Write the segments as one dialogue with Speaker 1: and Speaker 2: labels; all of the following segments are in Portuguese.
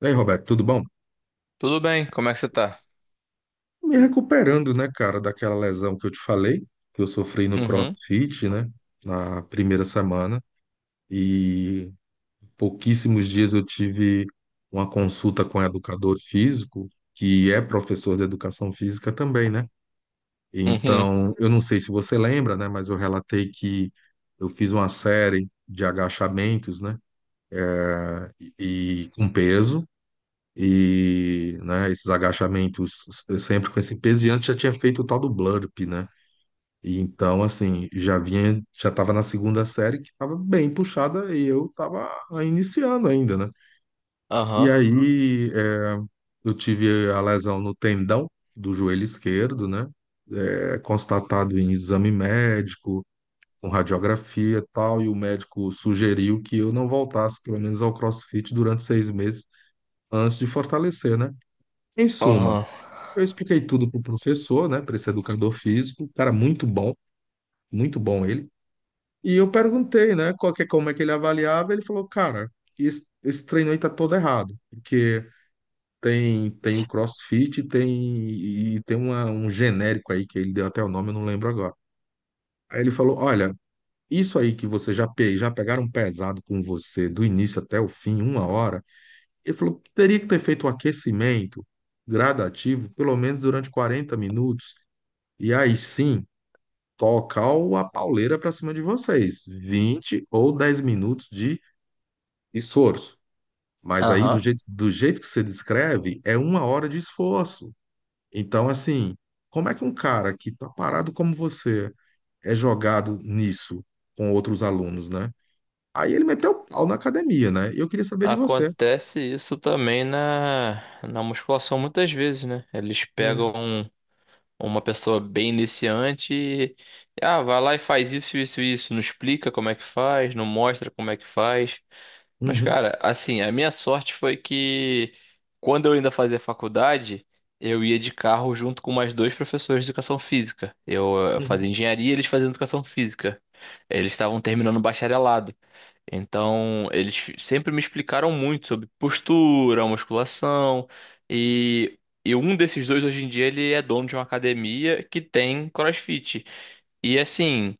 Speaker 1: E aí, Roberto, tudo bom?
Speaker 2: Tudo bem, como é que você tá?
Speaker 1: Me recuperando, né, cara, daquela lesão que eu te falei, que eu sofri no
Speaker 2: Uhum,
Speaker 1: CrossFit, né, na primeira semana. E pouquíssimos dias eu tive uma consulta com um educador físico, que é professor de educação física também, né?
Speaker 2: uhum,
Speaker 1: Então, eu não sei se você lembra, né, mas eu relatei que eu fiz uma série de agachamentos, né, e com peso. E né, esses agachamentos sempre com esse peso, e antes já tinha feito o tal do burp, né? E então, assim, já vinha, já tava na segunda série que tava bem puxada e eu tava iniciando ainda, né? E
Speaker 2: aham,
Speaker 1: aí é, eu tive a lesão no tendão do joelho esquerdo, né? É, constatado em exame médico, com radiografia e tal, e o médico sugeriu que eu não voltasse, pelo menos, ao CrossFit durante 6 meses antes de fortalecer, né? Em suma,
Speaker 2: aham,
Speaker 1: eu expliquei tudo pro professor, né, para esse educador físico, cara muito bom ele. E eu perguntei, né, qual que, como é que ele avaliava, ele falou, cara, esse treino aí tá todo errado, porque tem o CrossFit, tem e tem uma, um genérico aí que ele deu até o nome, eu não lembro agora. Aí ele falou, olha, isso aí que você já pegaram pesado com você do início até o fim, uma hora. Ele falou, teria que ter feito o aquecimento gradativo, pelo menos durante 40 minutos. E aí sim, tocar a pauleira para cima de vocês. 20 ou 10 minutos de esforço. Mas aí,
Speaker 2: aham.
Speaker 1: do jeito que você descreve, é uma hora de esforço. Então, assim, como é que um cara que tá parado como você é jogado nisso com outros alunos, né? Aí ele meteu o pau na academia, né? E eu queria saber de você.
Speaker 2: Acontece isso também na musculação muitas vezes, né? Eles pegam
Speaker 1: Hum,
Speaker 2: uma pessoa bem iniciante e, ah, vai lá e faz isso, isso, isso. Não explica como é que faz, não mostra como é que faz. Mas,
Speaker 1: uhum,
Speaker 2: cara, assim, a minha sorte foi que quando eu ainda fazia faculdade, eu ia de carro junto com mais dois professores de educação física. Eu
Speaker 1: uhum.
Speaker 2: fazia engenharia e eles faziam educação física. Eles estavam terminando o bacharelado. Então, eles sempre me explicaram muito sobre postura, musculação. E, e um desses dois, hoje em dia, ele é dono de uma academia que tem CrossFit. E, assim,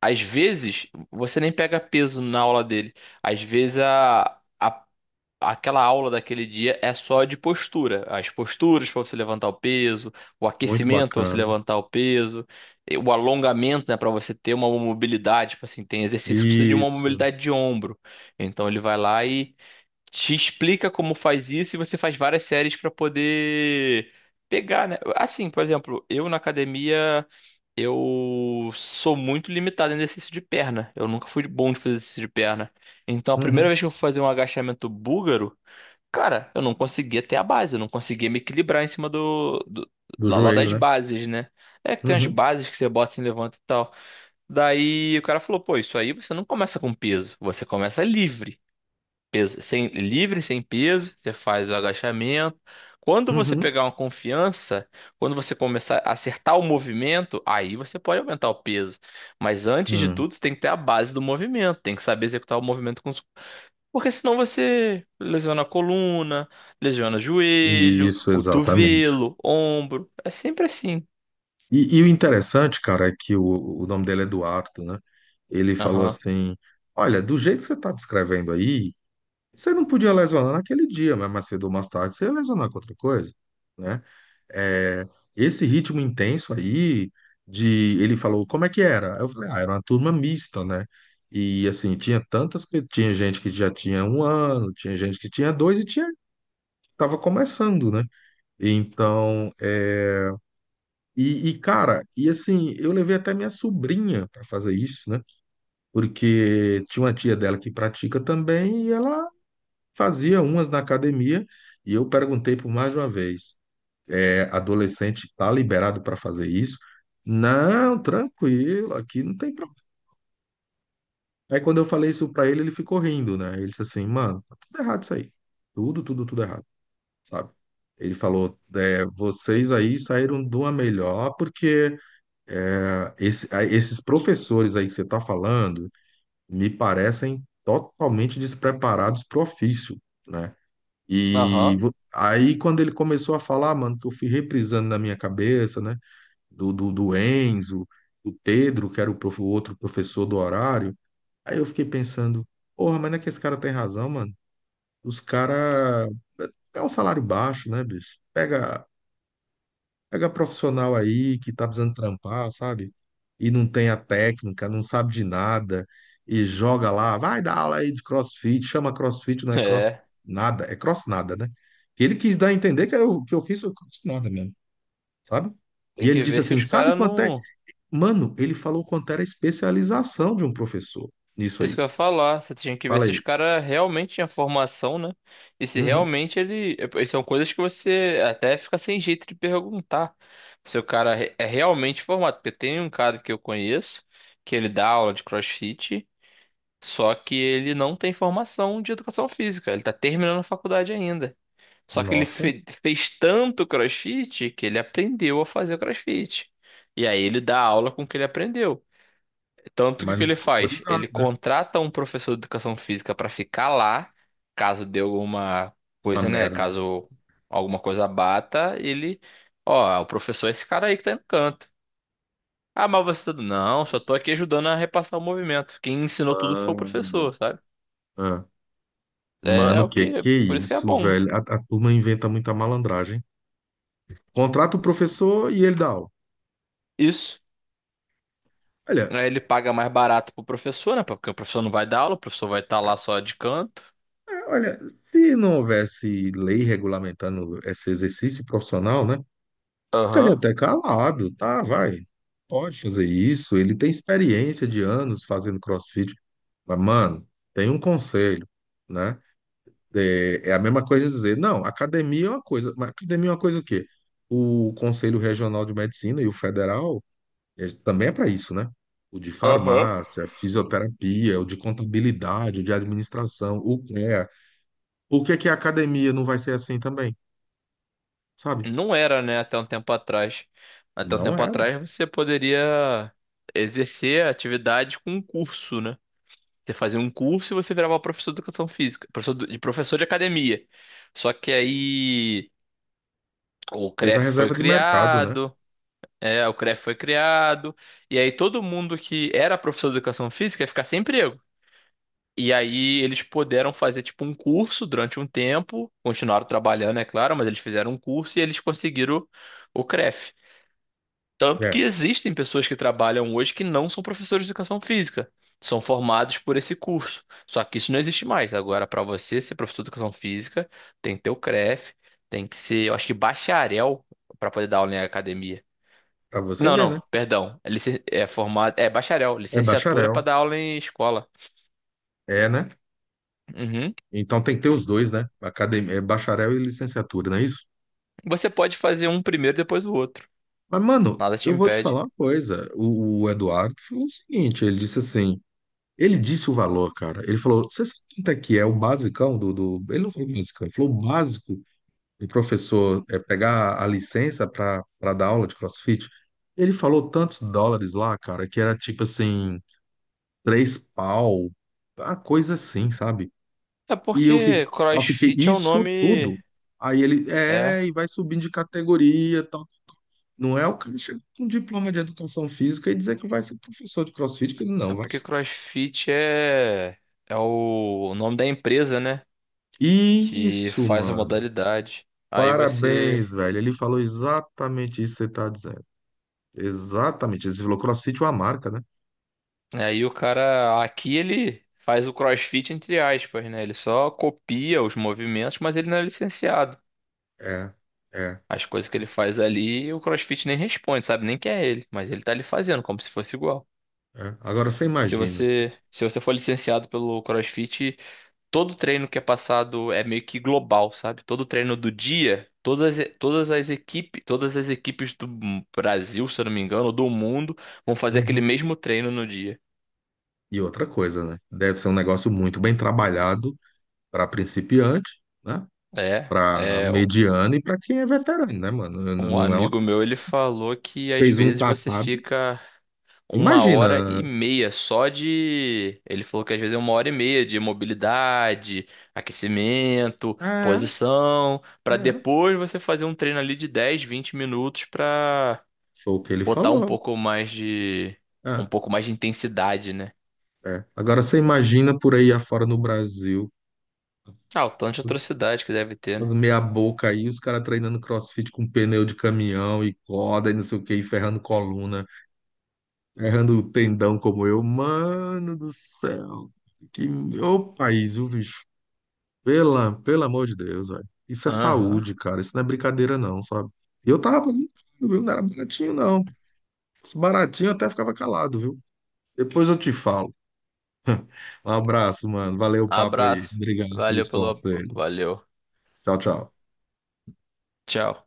Speaker 2: às vezes, você nem pega peso na aula dele. Às vezes, a. a aquela aula daquele dia é só de postura, as posturas para você levantar o peso, o
Speaker 1: Muito
Speaker 2: aquecimento para você
Speaker 1: bacana.
Speaker 2: levantar o peso, e o alongamento, né, para você ter uma mobilidade, tipo assim, tem exercício que precisa de uma
Speaker 1: Isso.
Speaker 2: mobilidade de ombro. Então ele vai lá e te explica como faz isso e você faz várias séries para poder pegar, né? Assim, por exemplo, eu na academia eu sou muito limitado em exercício de perna. Eu nunca fui bom de fazer exercício de perna. Então, a primeira
Speaker 1: Uhum.
Speaker 2: vez que eu fui fazer um agachamento búlgaro, cara, eu não conseguia ter a base, eu não conseguia me equilibrar em cima do
Speaker 1: Do
Speaker 2: lá
Speaker 1: joelho,
Speaker 2: das
Speaker 1: né?
Speaker 2: bases, né? É que tem as
Speaker 1: Uhum,
Speaker 2: bases que você bota assim, levanta e tal. Daí o cara falou, pô, isso aí você não começa com peso, você começa livre. Peso, sem, livre, sem peso, você faz o agachamento. Quando você
Speaker 1: uhum,
Speaker 2: pegar uma confiança, quando você começar a acertar o movimento, aí você pode aumentar o peso. Mas antes de
Speaker 1: hum.
Speaker 2: tudo, você tem que ter a base do movimento, tem que saber executar o movimento com". Porque senão você lesiona a coluna, lesiona joelho,
Speaker 1: Isso, exatamente.
Speaker 2: cotovelo, ombro. É sempre assim.
Speaker 1: E o interessante, cara, é que o nome dele é Eduardo, né? Ele falou
Speaker 2: Aham,
Speaker 1: assim: olha, do jeito que você está descrevendo aí, você não podia lesionar naquele dia, mas mais cedo ou mais tarde você ia lesionar com outra coisa, né? É, esse ritmo intenso aí, de ele falou: como é que era? Eu falei: ah, era uma turma mista, né? E assim, tinha tantas, tinha gente que já tinha um ano, tinha gente que tinha dois e tinha, estava começando, né? Então. E, cara, e assim, eu levei até minha sobrinha para fazer isso, né? Porque tinha uma tia dela que pratica também e ela fazia umas na academia. E eu perguntei por mais de uma vez: é, adolescente tá liberado para fazer isso? Não, tranquilo, aqui não tem problema. Aí quando eu falei isso para ele, ele ficou rindo, né? Ele disse assim: mano, tá tudo errado isso aí. Tudo, tudo, tudo errado, sabe? Ele falou: é, vocês aí saíram de uma melhor porque. É, esses professores aí que você está falando me parecem totalmente despreparados para o ofício, né? E
Speaker 2: aham.
Speaker 1: aí, quando ele começou a falar, "Ah, mano, que eu fui reprisando na minha cabeça, né? Do Enzo, do Pedro, que era o outro professor do horário, aí eu fiquei pensando, porra, mas não é que esse cara tem razão, mano? Os caras. É é um salário baixo, né, bicho? Pega profissional aí que tá precisando trampar, sabe? E não tem a técnica, não sabe de nada, e joga lá, vai dar aula aí de CrossFit, chama CrossFit, não é cross
Speaker 2: É.
Speaker 1: nada, é cross nada, né? E ele quis dar a entender que eu fiz o cross nada mesmo, sabe?
Speaker 2: Tem
Speaker 1: E ele
Speaker 2: que
Speaker 1: disse
Speaker 2: ver se
Speaker 1: assim,
Speaker 2: os
Speaker 1: sabe
Speaker 2: caras
Speaker 1: quanto é?
Speaker 2: não.
Speaker 1: Mano, ele falou quanto era a especialização de um professor nisso
Speaker 2: É isso que
Speaker 1: aí.
Speaker 2: eu ia falar. Você tinha que ver
Speaker 1: Fala
Speaker 2: se os
Speaker 1: aí.
Speaker 2: caras realmente tinham formação, né? E se
Speaker 1: Uhum.
Speaker 2: realmente ele. São coisas que você até fica sem jeito de perguntar. Se o cara é realmente formado. Porque tem um cara que eu conheço, que ele dá aula de CrossFit. Só que ele não tem formação de educação física, ele tá terminando a faculdade ainda. Só que ele
Speaker 1: Nossa,
Speaker 2: fez tanto CrossFit que ele aprendeu a fazer o CrossFit. E aí ele dá aula com o que ele aprendeu. Tanto que
Speaker 1: mas
Speaker 2: o que
Speaker 1: não
Speaker 2: ele
Speaker 1: tá
Speaker 2: faz?
Speaker 1: autorizado,
Speaker 2: Ele
Speaker 1: né?
Speaker 2: contrata um professor de educação física para ficar lá, caso dê alguma
Speaker 1: Uma
Speaker 2: coisa, né?
Speaker 1: mera.
Speaker 2: Caso alguma coisa bata, ele, ó, o professor é esse cara aí que tá aí no canto. Ah, mas você tá... Não, só tô aqui ajudando a repassar o movimento. Quem ensinou tudo foi o
Speaker 1: Mano.
Speaker 2: professor, sabe? É
Speaker 1: Mano,
Speaker 2: o que,
Speaker 1: que é
Speaker 2: por isso que é
Speaker 1: isso,
Speaker 2: bom.
Speaker 1: velho? A turma inventa muita malandragem. Contrata o professor e ele dá aula.
Speaker 2: Isso.
Speaker 1: Olha,
Speaker 2: Aí ele paga mais barato pro professor, né? Porque o professor não vai dar aula, o professor vai estar lá só de canto.
Speaker 1: é, olha, se não houvesse lei regulamentando esse exercício profissional, né? Estaria
Speaker 2: Aham,
Speaker 1: até calado, tá? Vai, pode fazer isso. Ele tem experiência de anos fazendo CrossFit. Mas, mano, tem um conselho, né? É, é a mesma coisa dizer, não, academia é uma coisa. Mas academia é uma coisa o quê? O Conselho Regional de Medicina e o Federal é, também é para isso, né? O de
Speaker 2: aham.
Speaker 1: farmácia, fisioterapia, o de contabilidade, o de administração, o CREA. Por que que a academia não vai ser assim também, sabe?
Speaker 2: Não era, né, até um tempo atrás. Até um
Speaker 1: Não
Speaker 2: tempo
Speaker 1: era.
Speaker 2: atrás você poderia exercer a atividade com um curso, né? Você fazia um curso e você virava professor de educação física, professor de academia. Só que aí o
Speaker 1: Teve a
Speaker 2: CREF foi
Speaker 1: reserva de mercado, né?
Speaker 2: criado. É, o CREF foi criado, e aí todo mundo que era professor de educação física ia ficar sem emprego. E aí eles puderam fazer tipo um curso durante um tempo, continuaram trabalhando, é claro, mas eles fizeram um curso e eles conseguiram o CREF. Tanto que
Speaker 1: É,
Speaker 2: existem pessoas que trabalham hoje que não são professores de educação física, são formados por esse curso. Só que isso não existe mais. Agora, para você ser professor de educação física, tem que ter o CREF, tem que ser, eu acho que bacharel para poder dar aula em academia.
Speaker 1: para você
Speaker 2: Não,
Speaker 1: ver, né?
Speaker 2: não, perdão. É, é formado, é bacharel,
Speaker 1: É
Speaker 2: licenciatura
Speaker 1: bacharel,
Speaker 2: para dar aula em escola.
Speaker 1: é, né?
Speaker 2: Uhum.
Speaker 1: Então tem que ter os dois, né? Academia, é bacharel e licenciatura, não é isso?
Speaker 2: Você pode fazer um primeiro depois o outro.
Speaker 1: Mas, mano,
Speaker 2: Nada te
Speaker 1: eu vou te
Speaker 2: impede.
Speaker 1: falar uma coisa. O Eduardo falou o seguinte, ele disse assim, ele disse o valor, cara. Ele falou, você sabe quanto é que é o basicão do, do... Ele não falou basicão, ele falou o básico o professor pegar a licença para dar aula de CrossFit, ele falou tantos dólares lá, cara, que era tipo assim, três pau, uma coisa assim, sabe?
Speaker 2: É
Speaker 1: E
Speaker 2: porque
Speaker 1: eu fiquei,
Speaker 2: CrossFit é o
Speaker 1: isso
Speaker 2: nome.
Speaker 1: tudo. Aí ele,
Speaker 2: É,
Speaker 1: é, e vai subindo de categoria, e tal. Não é o cara chega com um diploma de educação física e dizer que vai ser professor de CrossFit, que ele
Speaker 2: é
Speaker 1: não vai
Speaker 2: porque
Speaker 1: ser.
Speaker 2: CrossFit é o nome da empresa, né? Que
Speaker 1: Isso,
Speaker 2: faz a
Speaker 1: mano.
Speaker 2: modalidade. Aí você,
Speaker 1: Parabéns, velho. Ele falou exatamente isso que você tá dizendo. Exatamente. Ele falou CrossFit é uma marca, né?
Speaker 2: aí o cara aqui ele faz o CrossFit entre aspas, né? Ele só copia os movimentos, mas ele não é licenciado.
Speaker 1: É, é,
Speaker 2: As coisas que ele faz ali, o CrossFit nem responde, sabe? Nem que é ele, mas ele tá ali fazendo como se fosse igual.
Speaker 1: é. Agora você
Speaker 2: Se
Speaker 1: imagina.
Speaker 2: você, se você for licenciado pelo CrossFit, todo treino que é passado é meio que global, sabe? Todo treino do dia, todas as equipes do Brasil, se eu não me engano, ou do mundo, vão fazer aquele
Speaker 1: Uhum.
Speaker 2: mesmo treino no dia.
Speaker 1: E outra coisa, né? Deve ser um negócio muito bem trabalhado para principiante, né?
Speaker 2: É,
Speaker 1: Para
Speaker 2: é,
Speaker 1: mediano e para quem é veterano, né, mano?
Speaker 2: um
Speaker 1: Não é uma
Speaker 2: amigo
Speaker 1: que
Speaker 2: meu, ele falou que às
Speaker 1: fez um
Speaker 2: vezes você
Speaker 1: catado.
Speaker 2: fica uma
Speaker 1: Imagina.
Speaker 2: hora e meia só de. Ele falou que às vezes é uma hora e meia de mobilidade, aquecimento,
Speaker 1: É,
Speaker 2: posição, pra
Speaker 1: é.
Speaker 2: depois você fazer um treino ali de 10 20 minutos pra
Speaker 1: Foi o que ele
Speaker 2: botar um
Speaker 1: falou.
Speaker 2: pouco mais de.
Speaker 1: É,
Speaker 2: Intensidade, né?
Speaker 1: é. Agora você imagina por aí afora no Brasil,
Speaker 2: Ah, o tanto de
Speaker 1: os-
Speaker 2: atrocidade que deve ter,
Speaker 1: os
Speaker 2: né?
Speaker 1: meia boca aí, os caras treinando CrossFit com pneu de caminhão e corda e não sei o que, e ferrando coluna. Errando o tendão como eu, mano do céu. Que ô país, o bicho. Pela, pelo amor de Deus, velho. Isso é
Speaker 2: Aham.
Speaker 1: saúde, cara. Isso não é brincadeira, não, sabe? E eu tava pagando, caro, viu? Não era baratinho, não. Baratinho eu até ficava calado, viu? Depois eu te falo. Um abraço, mano. Valeu o papo aí.
Speaker 2: Abraço.
Speaker 1: Obrigado
Speaker 2: Valeu
Speaker 1: pelos
Speaker 2: pelo.
Speaker 1: conselhos.
Speaker 2: Valeu.
Speaker 1: Tchau, tchau.
Speaker 2: Tchau.